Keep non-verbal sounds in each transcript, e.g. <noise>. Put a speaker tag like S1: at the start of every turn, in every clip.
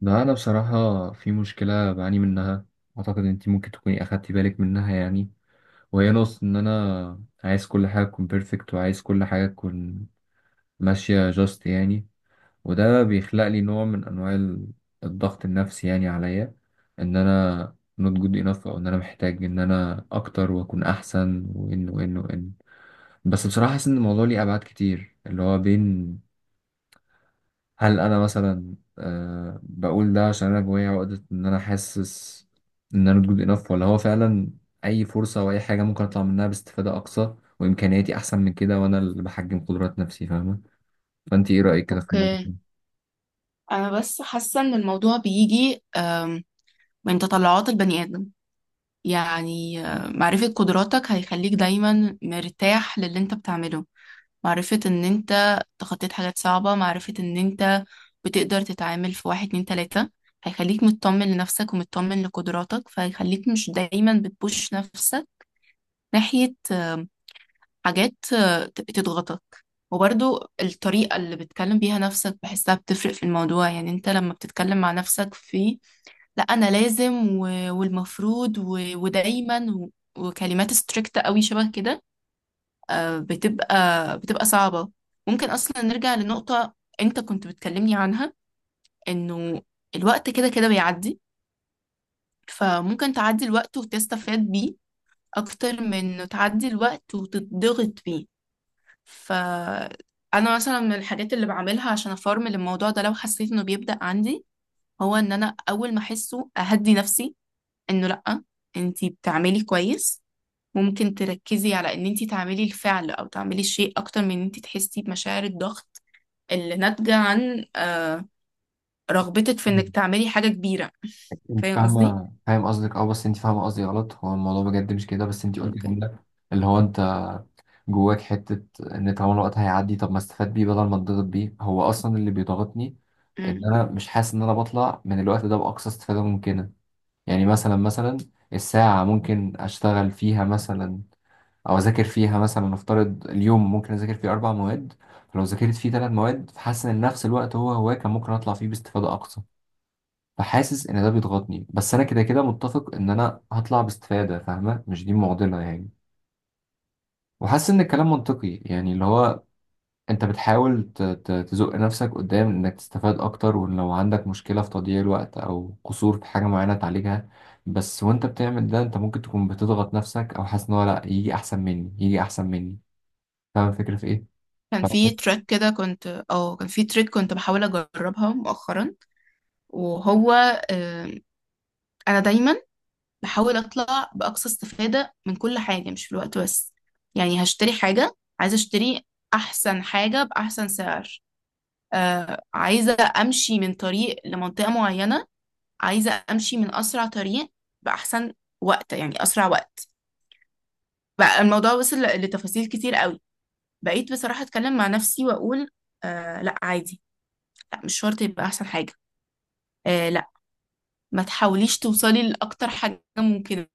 S1: لا، أنا بصراحة في مشكلة بعاني منها. أعتقد أنت ممكن تكوني أخدتي بالك منها يعني، وهي نقص إن أنا عايز كل حاجة تكون بيرفكت، وعايز كل حاجة تكون ماشية جاست يعني. وده بيخلق لي نوع من أنواع الضغط النفسي يعني عليا، إن أنا not good enough، أو إن أنا محتاج إن أنا أكتر وأكون أحسن، وإن. بس بصراحة حاسس إن الموضوع ليه أبعاد كتير، اللي هو بين، هل انا مثلا بقول ده عشان انا جوايا عقدة ان انا حاسس ان انا جود انف، ولا هو فعلا اي فرصة او اي حاجة ممكن اطلع منها باستفادة اقصى وامكانياتي احسن من كده، وانا اللي بحجم قدرات نفسي، فاهمة؟ فانت ايه رأيك كده في الموضوع
S2: اوكي.
S1: ده؟
S2: انا بس حاسه ان الموضوع بيجي من تطلعات البني ادم. يعني معرفه قدراتك هيخليك دايما مرتاح للي انت بتعمله، معرفه ان انت تخطيت حاجات صعبه، معرفه ان انت بتقدر تتعامل في واحد اتنين تلاته، هيخليك مطمن لنفسك ومطمن لقدراتك، فهيخليك مش دايما بتبوش نفسك ناحيه حاجات تضغطك. وبرضو الطريقة اللي بتكلم بيها نفسك بحسها بتفرق في الموضوع. يعني انت لما بتتكلم مع نفسك في لا انا لازم، و... والمفروض، و... ودايما، و... وكلمات ستريكت قوي شبه كده، بتبقى صعبة. ممكن اصلا نرجع لنقطة انت كنت بتكلمني عنها، انه الوقت كده كده بيعدي، فممكن تعدي الوقت وتستفاد بيه اكتر من تعدي الوقت وتتضغط بيه. فأنا مثلا من الحاجات اللي بعملها عشان أفرمل الموضوع ده لو حسيت إنه بيبدأ عندي، هو إن أنا أول ما أحسه أهدي نفسي، إنه لأ، أنتي بتعملي كويس، ممكن تركزي على إن أنتي تعملي الفعل أو تعملي الشيء أكتر من إن أنتي تحسي بمشاعر الضغط اللي ناتجة عن رغبتك في
S1: مم.
S2: إنك تعملي حاجة كبيرة.
S1: انت
S2: فاهم قصدي؟
S1: فاهم قصدك، بس انت فاهمه قصدي غلط. هو الموضوع بجد مش كده، بس انت قلت
S2: اوكي.
S1: جمله، اللي هو انت جواك حته، ان طالما الوقت هيعدي طب ما استفاد بيه بدل ما اتضغط بيه. هو اصلا اللي بيضغطني ان
S2: امم.
S1: انا مش حاسس ان انا بطلع من الوقت ده باقصى استفاده ممكنه. يعني مثلا، الساعة ممكن أشتغل فيها مثلا، أو أذاكر فيها مثلا. نفترض اليوم ممكن أذاكر فيه أربع مواد، فلو ذاكرت فيه تلات مواد فحاسس إن نفس الوقت هو كان ممكن أطلع فيه باستفادة أقصى. فحاسس إن ده بيضغطني، بس أنا كده كده متفق إن أنا هطلع باستفادة، فاهمة؟ مش دي معضلة يعني. وحاسس إن الكلام منطقي يعني، اللي هو انت بتحاول تزق نفسك قدام انك تستفاد اكتر، ولو عندك مشكلة في تضييع الوقت او قصور في حاجة معينة تعالجها. بس وانت بتعمل ده انت ممكن تكون بتضغط نفسك، او حاسس ان هو لا، يجي احسن مني يجي احسن مني. فاهم الفكرة في ايه؟ فبتحس-
S2: كان في تريك كنت بحاول اجربها مؤخرا. وهو آه، انا دايما بحاول اطلع باقصى استفادة من كل حاجة، مش في الوقت بس. يعني هشتري حاجة، عايزة اشتري احسن حاجة باحسن سعر، آه، عايزة امشي من طريق لمنطقة معينة، عايزة امشي من اسرع طريق باحسن وقت، يعني اسرع وقت. بقى الموضوع وصل لتفاصيل كتير قوي. بقيت بصراحة اتكلم مع نفسي واقول آه لا عادي، لا مش شرط يبقى احسن حاجة، آه لا ما تحاوليش توصلي لاكتر حاجة ممكنة.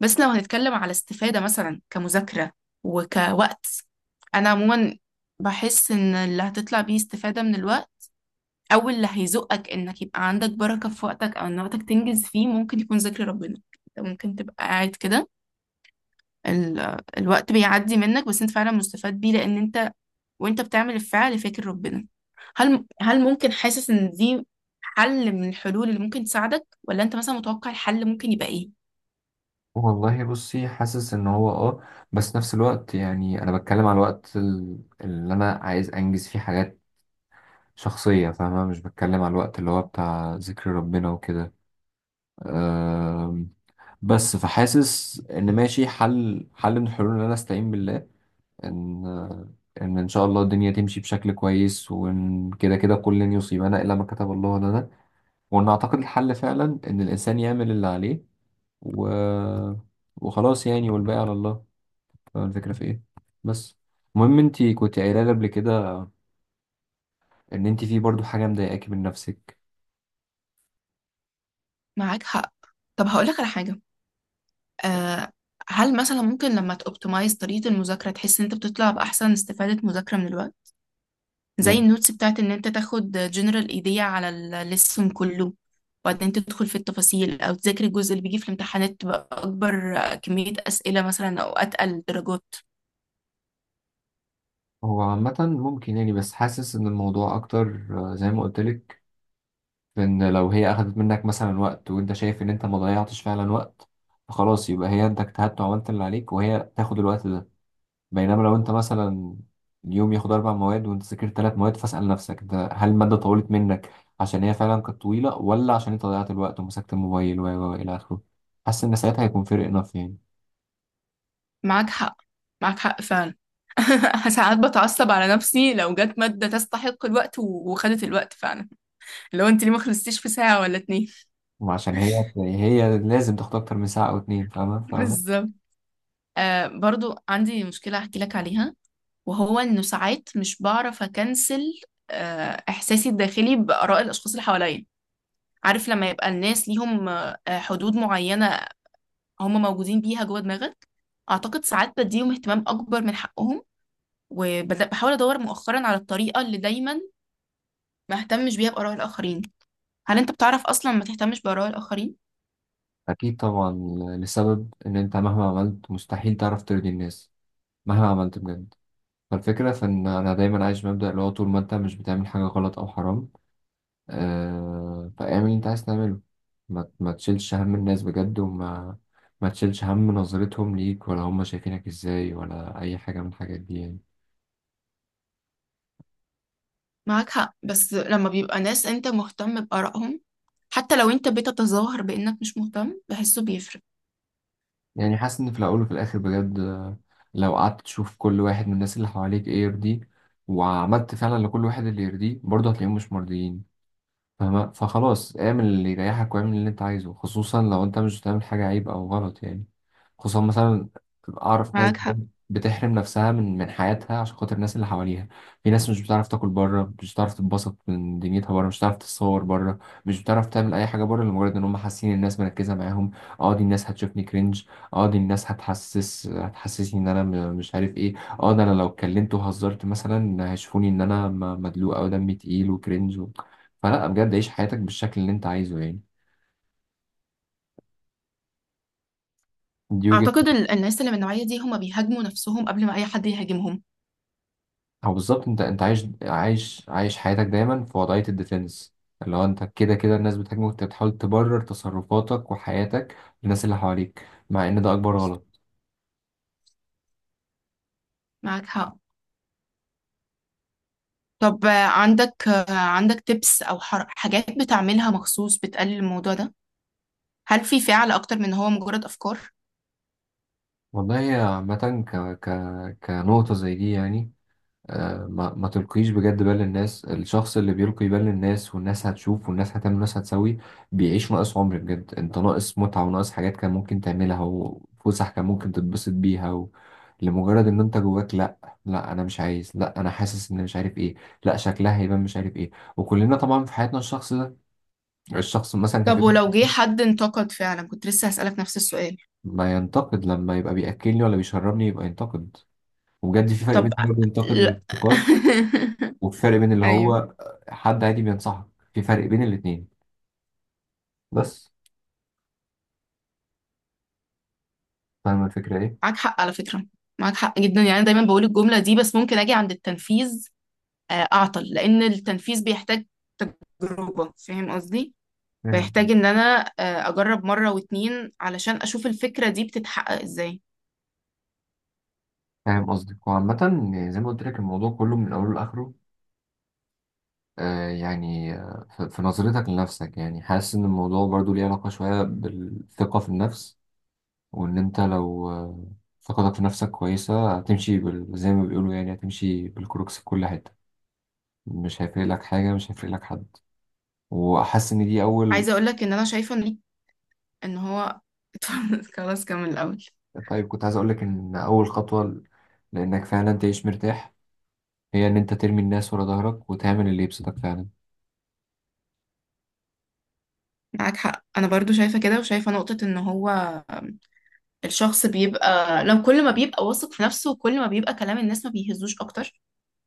S2: بس لو هنتكلم على استفادة مثلا كمذاكرة وكوقت، أنا عموما بحس إن اللي هتطلع بيه استفادة من الوقت، أو اللي هيزقك إنك يبقى عندك بركة في وقتك أو إن وقتك تنجز فيه، ممكن يكون ذكر ربنا. أنت ممكن تبقى قاعد كده، الوقت بيعدي منك، بس أنت فعلا مستفاد بيه، لأن أنت وأنت بتعمل الفعل فاكر ربنا. هل ممكن، حاسس إن دي حل من الحلول اللي ممكن تساعدك، ولا أنت مثلا متوقع الحل ممكن يبقى إيه؟
S1: والله بصي حاسس ان هو، بس نفس الوقت يعني انا بتكلم على الوقت اللي انا عايز انجز فيه حاجات شخصية، فاهمة؟ مش بتكلم على الوقت اللي هو بتاع ذكر ربنا وكده. بس فحاسس ان ماشي، حل من الحلول ان انا استعين بالله، ان ان شاء الله الدنيا تمشي بشكل كويس، وان كده كده كل لن يصيبنا الا ما كتب الله لنا. وان اعتقد الحل فعلا ان الانسان يعمل اللي عليه و... وخلاص يعني، والباقي على الله. الفكرة في ايه؟ بس المهم انت كنت قايله لي قبل كده ان انت في برضو حاجه مضايقاكي من نفسك
S2: معاك حق. طب هقولك على حاجة. آه، هل مثلا ممكن لما تأوبتمايز طريقة المذاكرة تحس ان انت بتطلع بأحسن استفادة مذاكرة من الوقت؟
S1: يعني.
S2: زي النوتس بتاعت ان انت تاخد جنرال ايديا على الليسون كله وبعدين تدخل في التفاصيل، او تذاكر الجزء اللي بيجي في الامتحانات تبقى اكبر كمية اسئلة مثلا او اتقل درجات.
S1: هو عامه ممكن يعني، بس حاسس ان الموضوع اكتر، زي ما قلت لك. لأن لو هي أخدت منك مثلا وقت وأنت شايف إن أنت ما ضيعتش فعلا وقت، فخلاص يبقى هي، أنت اجتهدت وعملت اللي عليك وهي تاخد الوقت ده. بينما لو أنت مثلا اليوم ياخد أربع مواد وأنت ذاكرت ثلاث مواد، فاسأل نفسك ده، هل المادة طولت منك عشان هي فعلا كانت طويلة، ولا عشان أنت ضيعت الوقت ومسكت الموبايل و إلى آخره. حاسس إن ساعتها هيكون فرق، نف يعني.
S2: معاك حق، معاك حق فعلا. <laughs> ساعات بتعصب على نفسي لو جت مادة تستحق الوقت وخدت الوقت فعلا، لو انت ليه ما خلصتيش في ساعة ولا اتنين. <laughs>
S1: وعشان هي، لازم تاخد أكتر من ساعة أو اتنين، فاهمة فاهمة.
S2: بالظبط. آه، برضو عندي مشكلة احكي لك عليها، وهو انه ساعات مش بعرف اكنسل احساسي الداخلي باراء الاشخاص اللي حواليا. عارف لما يبقى الناس ليهم حدود معينة، هم موجودين بيها جوه دماغك؟ اعتقد ساعات بديهم اهتمام اكبر من حقهم، وبحاول ادور مؤخرا على الطريقة اللي دايما ما اهتمش بيها باراء الاخرين. هل انت بتعرف اصلا ما تهتمش باراء الاخرين؟
S1: أكيد طبعا. لسبب إن أنت مهما عملت مستحيل تعرف ترضي الناس، مهما عملت بجد. فالفكرة في إن أنا دايما عايش مبدأ اللي هو طول ما أنت مش بتعمل حاجة غلط أو حرام، فاعمل اللي أنت عايز تعمله. ما تشيلش هم الناس بجد، وما ما تشيلش هم نظرتهم ليك، ولا هم شايفينك إزاي، ولا أي حاجة من الحاجات دي يعني.
S2: معاك حق، بس لما بيبقى ناس انت مهتم بارائهم، حتى لو انت بتتظاهر بانك مش مهتم بحسه بيفرق.
S1: يعني حاسس إن في الأول وفي الآخر بجد، لو قعدت تشوف كل واحد من الناس اللي حواليك إيه يرضيه، وعملت فعلا لكل واحد اللي يرضيه، برضه هتلاقيهم مش مرضيين. فخلاص اعمل اللي يريحك واعمل اللي انت عايزه، خصوصا لو انت مش بتعمل حاجة عيب او غلط يعني. خصوصا مثلا، اعرف ناس
S2: معاك حق.
S1: بتحرم نفسها من حياتها عشان خاطر الناس اللي حواليها. في ناس مش بتعرف تاكل بره، مش بتعرف تتبسط من دنيتها بره، مش بتعرف تتصور بره، مش بتعرف تعمل اي حاجه بره، لمجرد ان هم حاسين الناس مركزه معاهم. اه، دي الناس هتشوفني كرنج. اه، دي الناس هتحسسني ان انا مش عارف ايه. اه، ده انا لو اتكلمت وهزرت مثلا هيشوفوني ان انا مدلوق، او دمي تقيل وكرنج. فلا بجد، عيش حياتك بالشكل اللي انت عايزه يعني. دي وجهة.
S2: أعتقد الناس اللي من النوعية دي هما بيهاجموا نفسهم قبل ما أي حد يهاجمهم.
S1: او بالظبط، انت عايش حياتك دايما في وضعية الديفنس. اللي هو انت كده كده الناس بتهاجمك، وانت بتحاول تبرر تصرفاتك وحياتك للناس اللي حواليك، مع ان ده اكبر غلط.
S2: معاك حق. طب عندك عندك تبس أو حاجات بتعملها مخصوص بتقلل الموضوع ده؟ هل في فعل أكتر من هو مجرد أفكار؟
S1: والله عامة، كنقطة زي دي يعني، ما تلقيش بجد بال للناس. الشخص اللي بيلقي بال للناس، والناس هتشوف، والناس هتعمل، والناس هتسوي، بيعيش ناقص عمر بجد. انت ناقص متعة وناقص حاجات كان ممكن تعملها، وفسح كان ممكن تتبسط بيها. لمجرد ان انت جواك لا، لا انا مش عايز، لا انا حاسس ان مش عارف ايه، لا شكلها هيبان مش عارف ايه. وكلنا طبعا في حياتنا الشخص ده، الشخص مثلا كان في
S2: طب
S1: وقت
S2: ولو جه
S1: كتير.
S2: حد انتقد فعلا، كنت لسه هسألك نفس السؤال.
S1: ما ينتقد، لما يبقى بيأكلني ولا بيشربني يبقى ينتقد. وبجد في فرق
S2: طب
S1: بين إنه ينتقد
S2: لا.
S1: للانتقاد، وفي فرق بين
S2: <laughs>
S1: اللي
S2: أيوه،
S1: هو حد عادي بينصحك. في فرق بين الاتنين بس. فاهم الفكرة ايه؟
S2: معاك حق على فكرة، معاك حق جدا. يعني أنا دايما بقول الجملة دي، بس ممكن أجي عند التنفيذ أعطل، لأن التنفيذ بيحتاج تجربة. فاهم قصدي؟
S1: مم.
S2: بيحتاج ان انا اجرب مرة واتنين علشان اشوف الفكرة دي بتتحقق ازاي.
S1: فاهم قصدك. وعامة يعني زي ما قلت لك، الموضوع كله من أوله لآخره، يعني، في نظرتك لنفسك يعني، حاسس إن الموضوع برضو ليه علاقة شوية بالثقة في النفس، وإن أنت لو ثقتك في نفسك كويسة هتمشي زي ما بيقولوا يعني، هتمشي بالكروكس في كل حتة. مش هيفرق لك حاجة، مش هيفرق لك حد. وأحس إن دي أول،
S2: عايزة اقولك ان انا شايفة ان ان هو <laughs> خلاص كمل الاول.
S1: طيب كنت عايز أقولك إن أول خطوة لإنك فعلا تعيش مرتاح، هي إن أنت ترمي الناس ورا ظهرك وتعمل اللي يبسطك فعلا.
S2: معاك حق، انا برضو شايفة كده، وشايفة نقطة ان هو آم، الشخص بيبقى لو كل ما بيبقى واثق في نفسه كل ما بيبقى كلام الناس ما بيهزوش اكتر.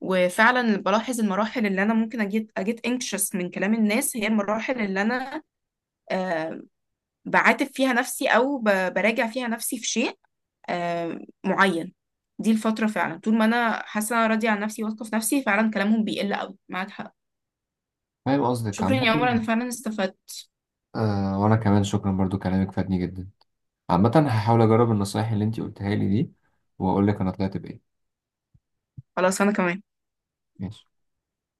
S2: وفعلا بلاحظ المراحل اللي انا ممكن اجيت anxious من كلام الناس، هي المراحل اللي انا آه، بعاتب فيها نفسي او براجع فيها نفسي في شيء آه، معين. دي الفترة فعلا، طول ما أنا حاسة إن أنا راضية عن نفسي واثقة في نفسي، فعلا كلامهم بيقل أوي. معاك حق.
S1: فاهم قصدك
S2: شكرا
S1: عامة.
S2: يا عمر، أنا فعلا استفدت.
S1: وأنا كمان شكرا، برضو كلامك فادني جدا. عامة هحاول أجرب النصايح اللي أنتي قلتها لي دي، وأقولك أنا طلعت بإيه.
S2: خلاص أنا كمان.
S1: ماشي.